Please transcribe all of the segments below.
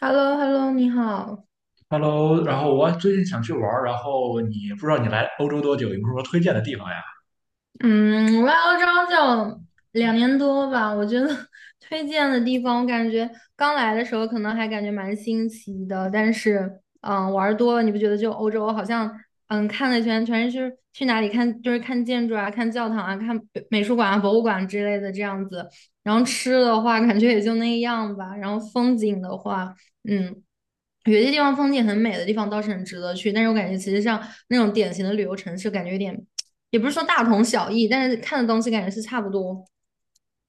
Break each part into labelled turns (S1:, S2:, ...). S1: h e l l o h e l l o 你好。
S2: Hello，然后我最近想去玩儿，然后你不知道你来欧洲多久，有没有什么推荐的地方呀？
S1: 嗯，我来欧洲就2年多吧，我觉得 推荐的地方，我感觉刚来的时候可能还感觉蛮新奇的，但是，玩儿多了，你不觉得就欧洲好像，看了一圈全是去哪里看，就是看建筑啊、看教堂啊、看美术馆啊、博物馆之类的这样子。然后吃的话，感觉也就那样吧。然后风景的话，嗯。有些地方风景很美的地方倒是很值得去，但是我感觉其实像那种典型的旅游城市，感觉有点，也不是说大同小异，但是看的东西感觉是差不多。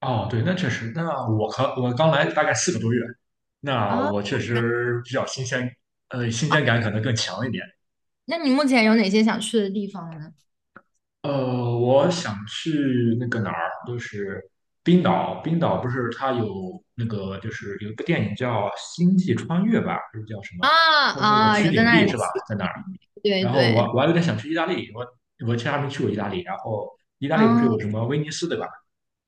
S2: 哦，对，那确实，那我刚来大概4个多月，那
S1: 啊，
S2: 我确实比较新鲜，新
S1: 啊。
S2: 鲜感可能更强一点。
S1: 那你目前有哪些想去的地方呢？
S2: 我想去那个哪儿，就是冰岛不是它有那个就是有一部电影叫《星际穿越》吧，还是叫什么？
S1: 啊
S2: 它有那个
S1: 啊，
S2: 取
S1: 有在
S2: 景
S1: 那
S2: 地
S1: 里
S2: 是吧？
S1: 骑
S2: 在哪儿。
S1: 对
S2: 然后我
S1: 对，
S2: 我还有点想去意大利，我其实还没去过意大利。然后意大利不是
S1: 啊，
S2: 有什么威尼斯对吧？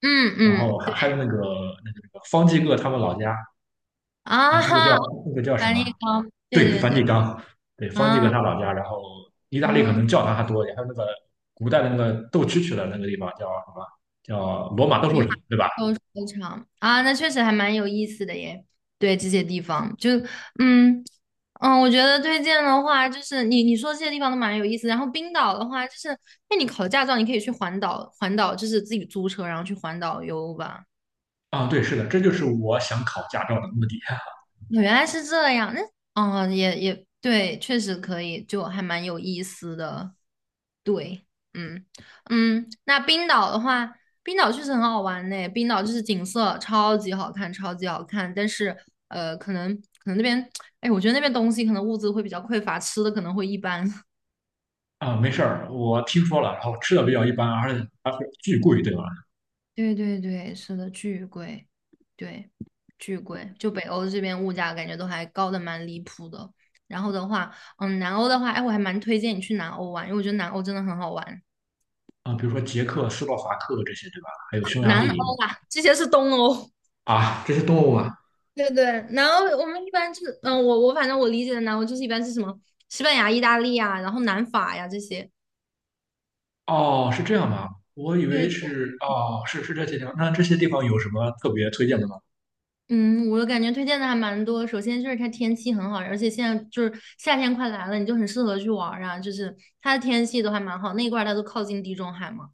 S1: 嗯
S2: 然
S1: 嗯，
S2: 后还
S1: 对
S2: 还有那个方济各他们老家，哎，
S1: 啊
S2: 那个叫
S1: 哈，
S2: 那个叫什
S1: 梵
S2: 么？
S1: 蒂冈，对
S2: 对，
S1: 对
S2: 梵蒂
S1: 对，
S2: 冈，对，方济各
S1: 啊
S2: 他老家。然后意大利可
S1: 嗯，
S2: 能教堂还多一点，还有那个古代的那个斗蛐蛐的那个地方叫什么？叫罗马斗
S1: 我
S2: 兽场，对吧？
S1: 哦，非场啊，那确实还蛮有意思的耶。对这些地方，就嗯嗯，我觉得推荐的话，就是你说这些地方都蛮有意思。然后冰岛的话，就是那你考驾照，你可以去环岛，环岛就是自己租车，然后去环岛游吧。
S2: 啊，对，是的，这就是我想考驾照的目的
S1: 原来是这样，那哦，也对，确实可以，就还蛮有意思的。对，嗯嗯，那冰岛的话，冰岛确实很好玩呢。冰岛就是景色超级好看，超级好看。但是可能那边，哎，我觉得那边东西可能物资会比较匮乏，吃的可能会一般。
S2: 啊。没事儿，我听说了，然后吃的比较一般，而且巨贵，对吧？
S1: 对对对，是的，巨贵，对，巨贵。就北欧这边物价感觉都还高的蛮离谱的。然后的话，嗯，南欧的话，哎，我还蛮推荐你去南欧玩，因为我觉得南欧真的很好玩。
S2: 啊、比如说捷克斯洛伐克这些，对吧？还有匈牙
S1: 南
S2: 利
S1: 欧啊，这些是东欧。
S2: 啊，这些动物吗？
S1: 对对，南欧我们一般就是，嗯，我反正我理解的南欧就是一般是什么西班牙、意大利啊，然后南法呀这些。
S2: 哦，是这样吗？我以为
S1: 对
S2: 是哦，是这些地方。那这些地方有什么特别推荐的吗？
S1: 嗯，我感觉推荐的还蛮多。首先就是它天气很好，而且现在就是夏天快来了，你就很适合去玩儿啊。就是它的天气都还蛮好，那一块儿它都靠近地中海嘛。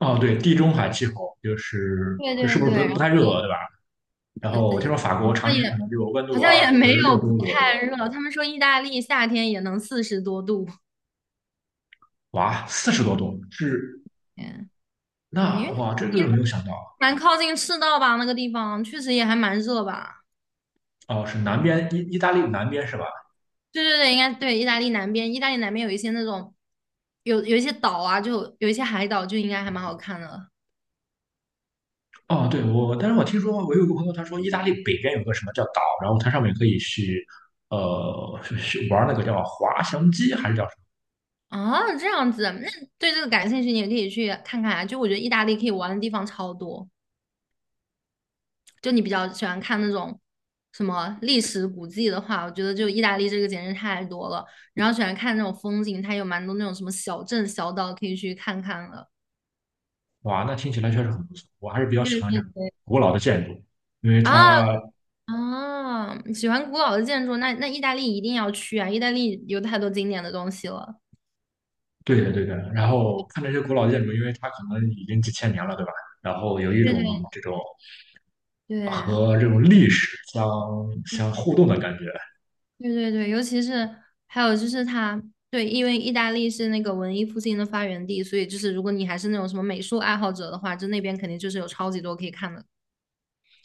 S2: 哦，对，地中海气候就是
S1: 对
S2: 是
S1: 对
S2: 不是
S1: 对，
S2: 不
S1: 然后
S2: 太热，对吧？然
S1: 呃呃，
S2: 后我听说法国常
S1: 那
S2: 年
S1: 也
S2: 可能就温
S1: 好
S2: 度
S1: 像
S2: 二
S1: 也没
S2: 十
S1: 有
S2: 六
S1: 不
S2: 度左右，
S1: 太热。他们说意大利夏天也能40多度。
S2: 哇，40多度。是
S1: 嗯，对，因
S2: 那
S1: 为它
S2: 哇，
S1: 毕
S2: 这个
S1: 竟
S2: 没有想到。
S1: 蛮靠近赤道吧，那个地方确实也还蛮热吧。
S2: 哦，是南边意大利南边是吧？
S1: 对对对，应该对。意大利南边，意大利南边有一些那种有一些岛啊，就有一些海岛，就应该还蛮好看的。
S2: 哦，对，我，但是我听说我有一个朋友，他说意大利北边有个什么叫岛，然后它上面可以去，去玩那个叫滑翔机还是叫什
S1: 啊，这样子，那对这个感兴趣，你也可以去看看啊。就我觉得意大利可以玩的地方超多。就你比较喜欢看那种什么历史古迹的话，我觉得就意大利这个简直太多了。然后喜欢看那种风景，它有蛮多那种什么小镇小岛可以去看看了。
S2: 么？哇，那听起来确实很不错，我还是比较喜
S1: 对
S2: 欢这
S1: 对
S2: 种
S1: 对
S2: 古老的建筑，因为
S1: 啊
S2: 它，
S1: 啊，喜欢古老的建筑，那意大利一定要去啊！意大利有太多经典的东西了。
S2: 对的对的，然后看这些古老建筑，因为它可能已经几千年了，对吧？然后有一
S1: 对对
S2: 种这种
S1: 对，
S2: 和这种历史相互动的感觉。
S1: 对对对，尤其是还有就是它，对，因为意大利是那个文艺复兴的发源地，所以就是如果你还是那种什么美术爱好者的话，就那边肯定就是有超级多可以看的。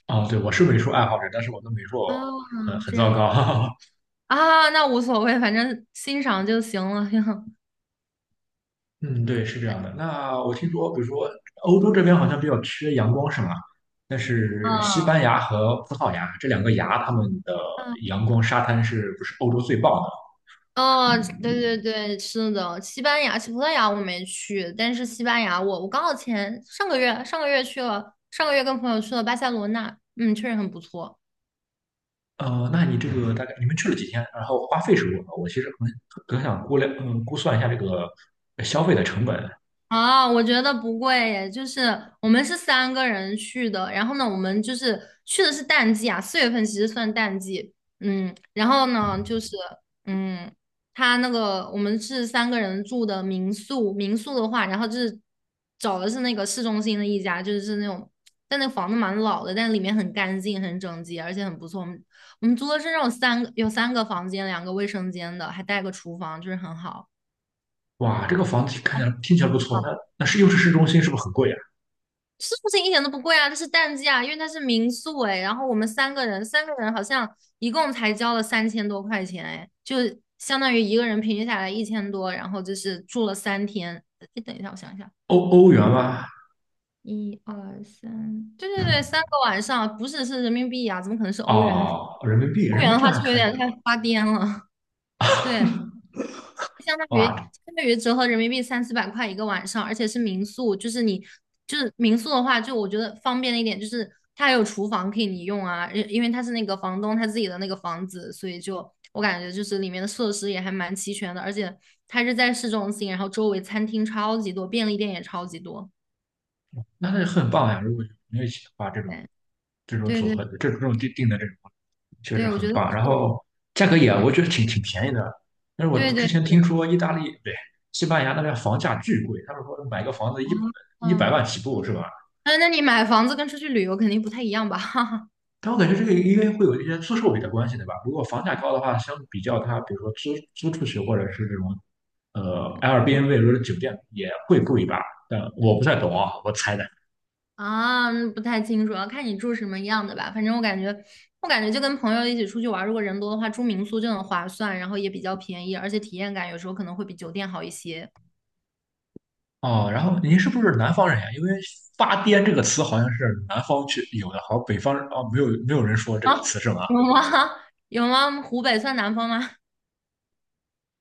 S2: 啊、对，我是美术爱好者，但是我的美术
S1: 啊，
S2: 很
S1: 这
S2: 糟
S1: 样
S2: 糕。
S1: 啊，那无所谓，反正欣赏就行了。
S2: 嗯，对，是这样的。那我听说，比如说欧洲这边好像比较缺阳光，是吗？但是西班牙和葡萄牙这两个牙，他们的
S1: 嗯
S2: 阳光沙滩是不是欧洲最棒的？
S1: 哦，对对对，是的，西班牙、西葡萄牙我没去，但是西班牙我刚好前上个月上个月去了，上个月跟朋友去了巴塞罗那，嗯，确实很不错。
S2: 那你这个大概你们去了几天？然后花费是多少？我其实很想估量，估算一下这个消费的成本。
S1: 啊，我觉得不贵耶，就是我们是三个人去的，然后呢，我们就是去的是淡季啊，4月份其实算淡季，嗯，然后呢，就
S2: 嗯
S1: 是嗯，他那个我们是三个人住的民宿，民宿的话，然后就是找的是那个市中心的一家，就是那种，但那房子蛮老的，但里面很干净、很整洁，而且很不错。我们租的是那种三个有三个房间、两个卫生间的，还带个厨房，就是很好。
S2: 哇，这个房子看起来听起来不错，那是又是市中心，是不是很贵啊？
S1: 是不是一点都不贵啊？它是淡季啊，因为它是民宿哎。然后我们三个人，三个人好像一共才交了3000多块钱哎，就相当于一个人平均下来1000多，然后就是住了3天。你等一下，我想一下，
S2: 欧元吗？
S1: 一二三，对对对，3个晚上，不是是人民币啊，怎么可能是欧元？
S2: 哦，人民币，
S1: 欧
S2: 人
S1: 元
S2: 民币
S1: 的
S2: 这
S1: 话
S2: 还
S1: 是不是有
S2: 可以啊。
S1: 点太发癫了？对，相当于
S2: 哇，
S1: 相当于折合人民币300到400块一个晚上，而且是民宿，就是你就是民宿的话，就我觉得方便的一点就是它还有厨房可以你用啊，因为它是那个房东他自己的那个房子，所以就我感觉就是里面的设施也还蛮齐全的，而且它是在市中心，然后周围餐厅超级多，便利店也超级多。
S2: 那很棒呀！如果你一起的话，这种
S1: 对
S2: 组
S1: 对对
S2: 合，这种定的这种确实
S1: 对，我觉
S2: 很
S1: 得
S2: 棒。
S1: 是
S2: 然后价格也我觉得挺便宜的，但是我
S1: 对
S2: 之
S1: 对对
S2: 前听
S1: 对
S2: 说意大利，不对，西班牙那边房价巨贵，他们说买个房子
S1: 啊，
S2: 一百一百
S1: 嗯，
S2: 万起步是吧？
S1: 那那你买房子跟出去旅游肯定不太一样吧？
S2: 但我感觉这个应该会有一些租售比的关系，对吧？如果房价高的话，相比较它，比如说租出去或者是这种Airbnb 或者酒店也会贵一吧？但我不太懂啊，我猜的。
S1: 啊，不太清楚，要看你住什么样的吧。反正我感觉，我感觉就跟朋友一起出去玩儿如果人多的话，住民宿就很划算，然后也比较便宜，而且体验感有时候可能会比酒店好一些。
S2: 哦，然后您是不是南方人呀？因为“发癫”这个词好像是南方去有的，好像北方啊没有人说这
S1: 啊，
S2: 个词是吗？
S1: 有吗？有吗？湖北算南方吗？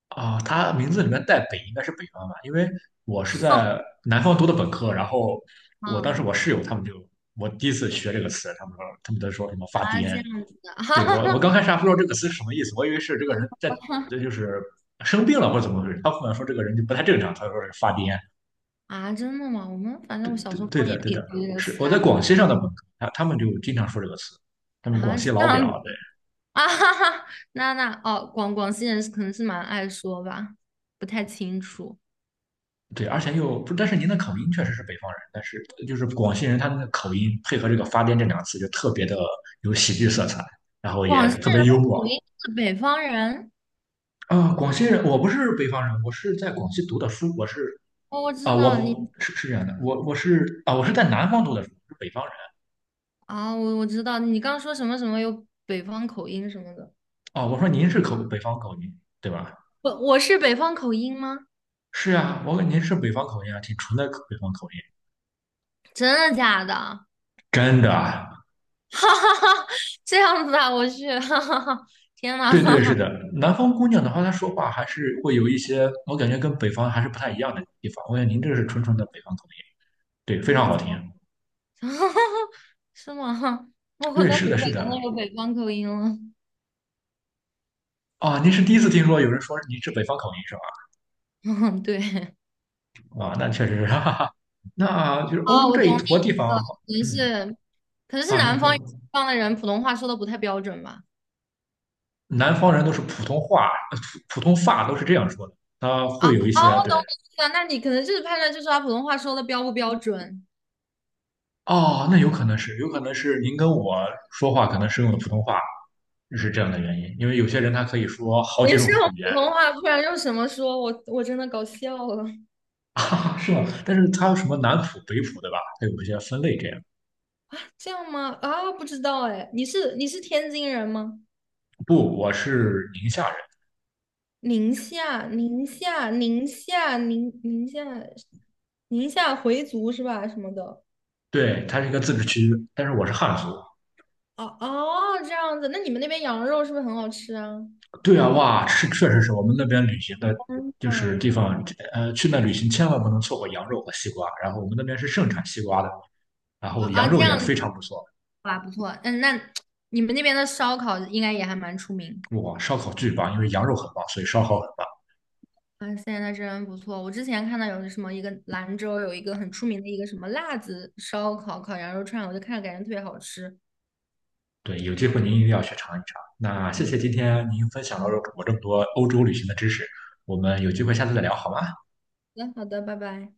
S2: 啊，他名字里面带“北”，应该是北方吧？因为我是在 南方读的本科，然后我当时
S1: 啊
S2: 我室友他们就我第一次学这个词，他们都说什么“发
S1: 啊，这
S2: 癫”，
S1: 样子的
S2: 对我刚开 始还不知道这个词是什么意思，我以为是这个人在这就是生病了或者怎么回事，他后来说这个人就不太正常，他说是发癫。
S1: 啊，真的吗？我们反正
S2: 对
S1: 我小
S2: 对
S1: 时候
S2: 对
S1: 方
S2: 的
S1: 言
S2: 对
S1: 里
S2: 的，
S1: 头这个
S2: 是
S1: 词
S2: 我
S1: 啊，
S2: 在广西上的本科，他们就经常说这个词，他们广
S1: 啊，
S2: 西
S1: 这
S2: 老
S1: 样子
S2: 表，
S1: 啊，哈哈，那那哦，广西人是可能是蛮爱说吧，不太清楚。
S2: 对对，而且又不，但是您的口音确实是北方人，但是就是广西人他们的口音配合这个“发癫”这两个词，就特别的有喜剧色彩，然后也
S1: 广西
S2: 特
S1: 人
S2: 别
S1: 的
S2: 幽默。
S1: 口音是北方人，
S2: 啊。广西人，我不是北方人，我是在广西读的书，我是
S1: 哦，我
S2: 啊，
S1: 知道
S2: 我
S1: 你
S2: 是是这样的，我是啊，我是在南方读的书，我是北方人。
S1: 啊，我知道你刚说什么什么有北方口音什么的，
S2: 啊。我说您是北方口音对吧？
S1: 我是北方口音吗？
S2: 是啊，我问您是北方口音啊，挺纯的北方口音，
S1: 真的假的？
S2: 真的。
S1: 哈哈哈，这样子啊，我去，哈哈哈，天哪，
S2: 对对，是 的，南方姑娘的话，她说话还是会有一些，我感觉跟北方还是不太一样的地方。我感觉您这是纯纯的北方口音，对，非常
S1: 啊，
S2: 好
S1: 怎么，
S2: 听。
S1: 是吗？我
S2: 对，
S1: 在
S2: 是的，
S1: 湖北
S2: 是
S1: 我
S2: 的。
S1: 有北方口音了，
S2: 啊，您是第一次听说有人说您是北方口音是
S1: 嗯，对，
S2: 吧？啊，那确实是，哈哈哈。那就是欧
S1: 啊，
S2: 洲
S1: 我
S2: 这一
S1: 懂
S2: 坨地方，
S1: 你意思
S2: 嗯，
S1: 了，可能是
S2: 啊，您
S1: 南
S2: 说
S1: 方方的人普通话说的不太标准吧。
S2: 南方人都是普通话，普通话都是这样说的，他
S1: 啊，
S2: 会有一
S1: 哦，
S2: 些
S1: 我
S2: 对。
S1: 懂你意思了。那你可能就是判断，就是他普通话说的标不标准。
S2: 哦，那有可能是您跟我说话可能是用的普通话，是这样的原因，因为有些人他可以说好几
S1: 你
S2: 种
S1: 是用
S2: 语言，
S1: 普通话，不然用什么说？我真的搞笑了。
S2: 啊，是吧？但是他有什么南普、北普，对吧？他有一些分类这样。
S1: 这样吗？啊，不知道哎。你是天津人吗？
S2: 不，我是宁夏人，
S1: 宁夏，宁夏，宁夏，宁夏，宁夏回族是吧？什么的？
S2: 对，他是一个自治区，但是我是汉族。
S1: 哦哦，这样子。那你们那边羊肉是不是很好吃啊？
S2: 对啊，哇，确实是我们那边旅行的，就是
S1: 嗯，
S2: 地方，去那旅行千万不能错过羊肉和西瓜。然后我们那边是盛产西瓜的，然
S1: 啊
S2: 后羊
S1: 啊，这
S2: 肉也
S1: 样子，
S2: 非常不错，
S1: 啊，不错。嗯，那你们那边的烧烤应该也还蛮出名。
S2: 哇，烧烤巨棒，因为羊肉很棒，所以烧烤很棒。
S1: 啊，现在真不错！我之前看到有什么一个兰州有一个很出名的一个什么辣子烧烤烤羊肉串，我就看着感觉特别好吃。
S2: 对，有机会您一定要去尝一尝。那谢谢今天您分享了我这么多欧洲旅行的知识，我们有机会下次再聊好吗？
S1: 好的，好的，拜拜。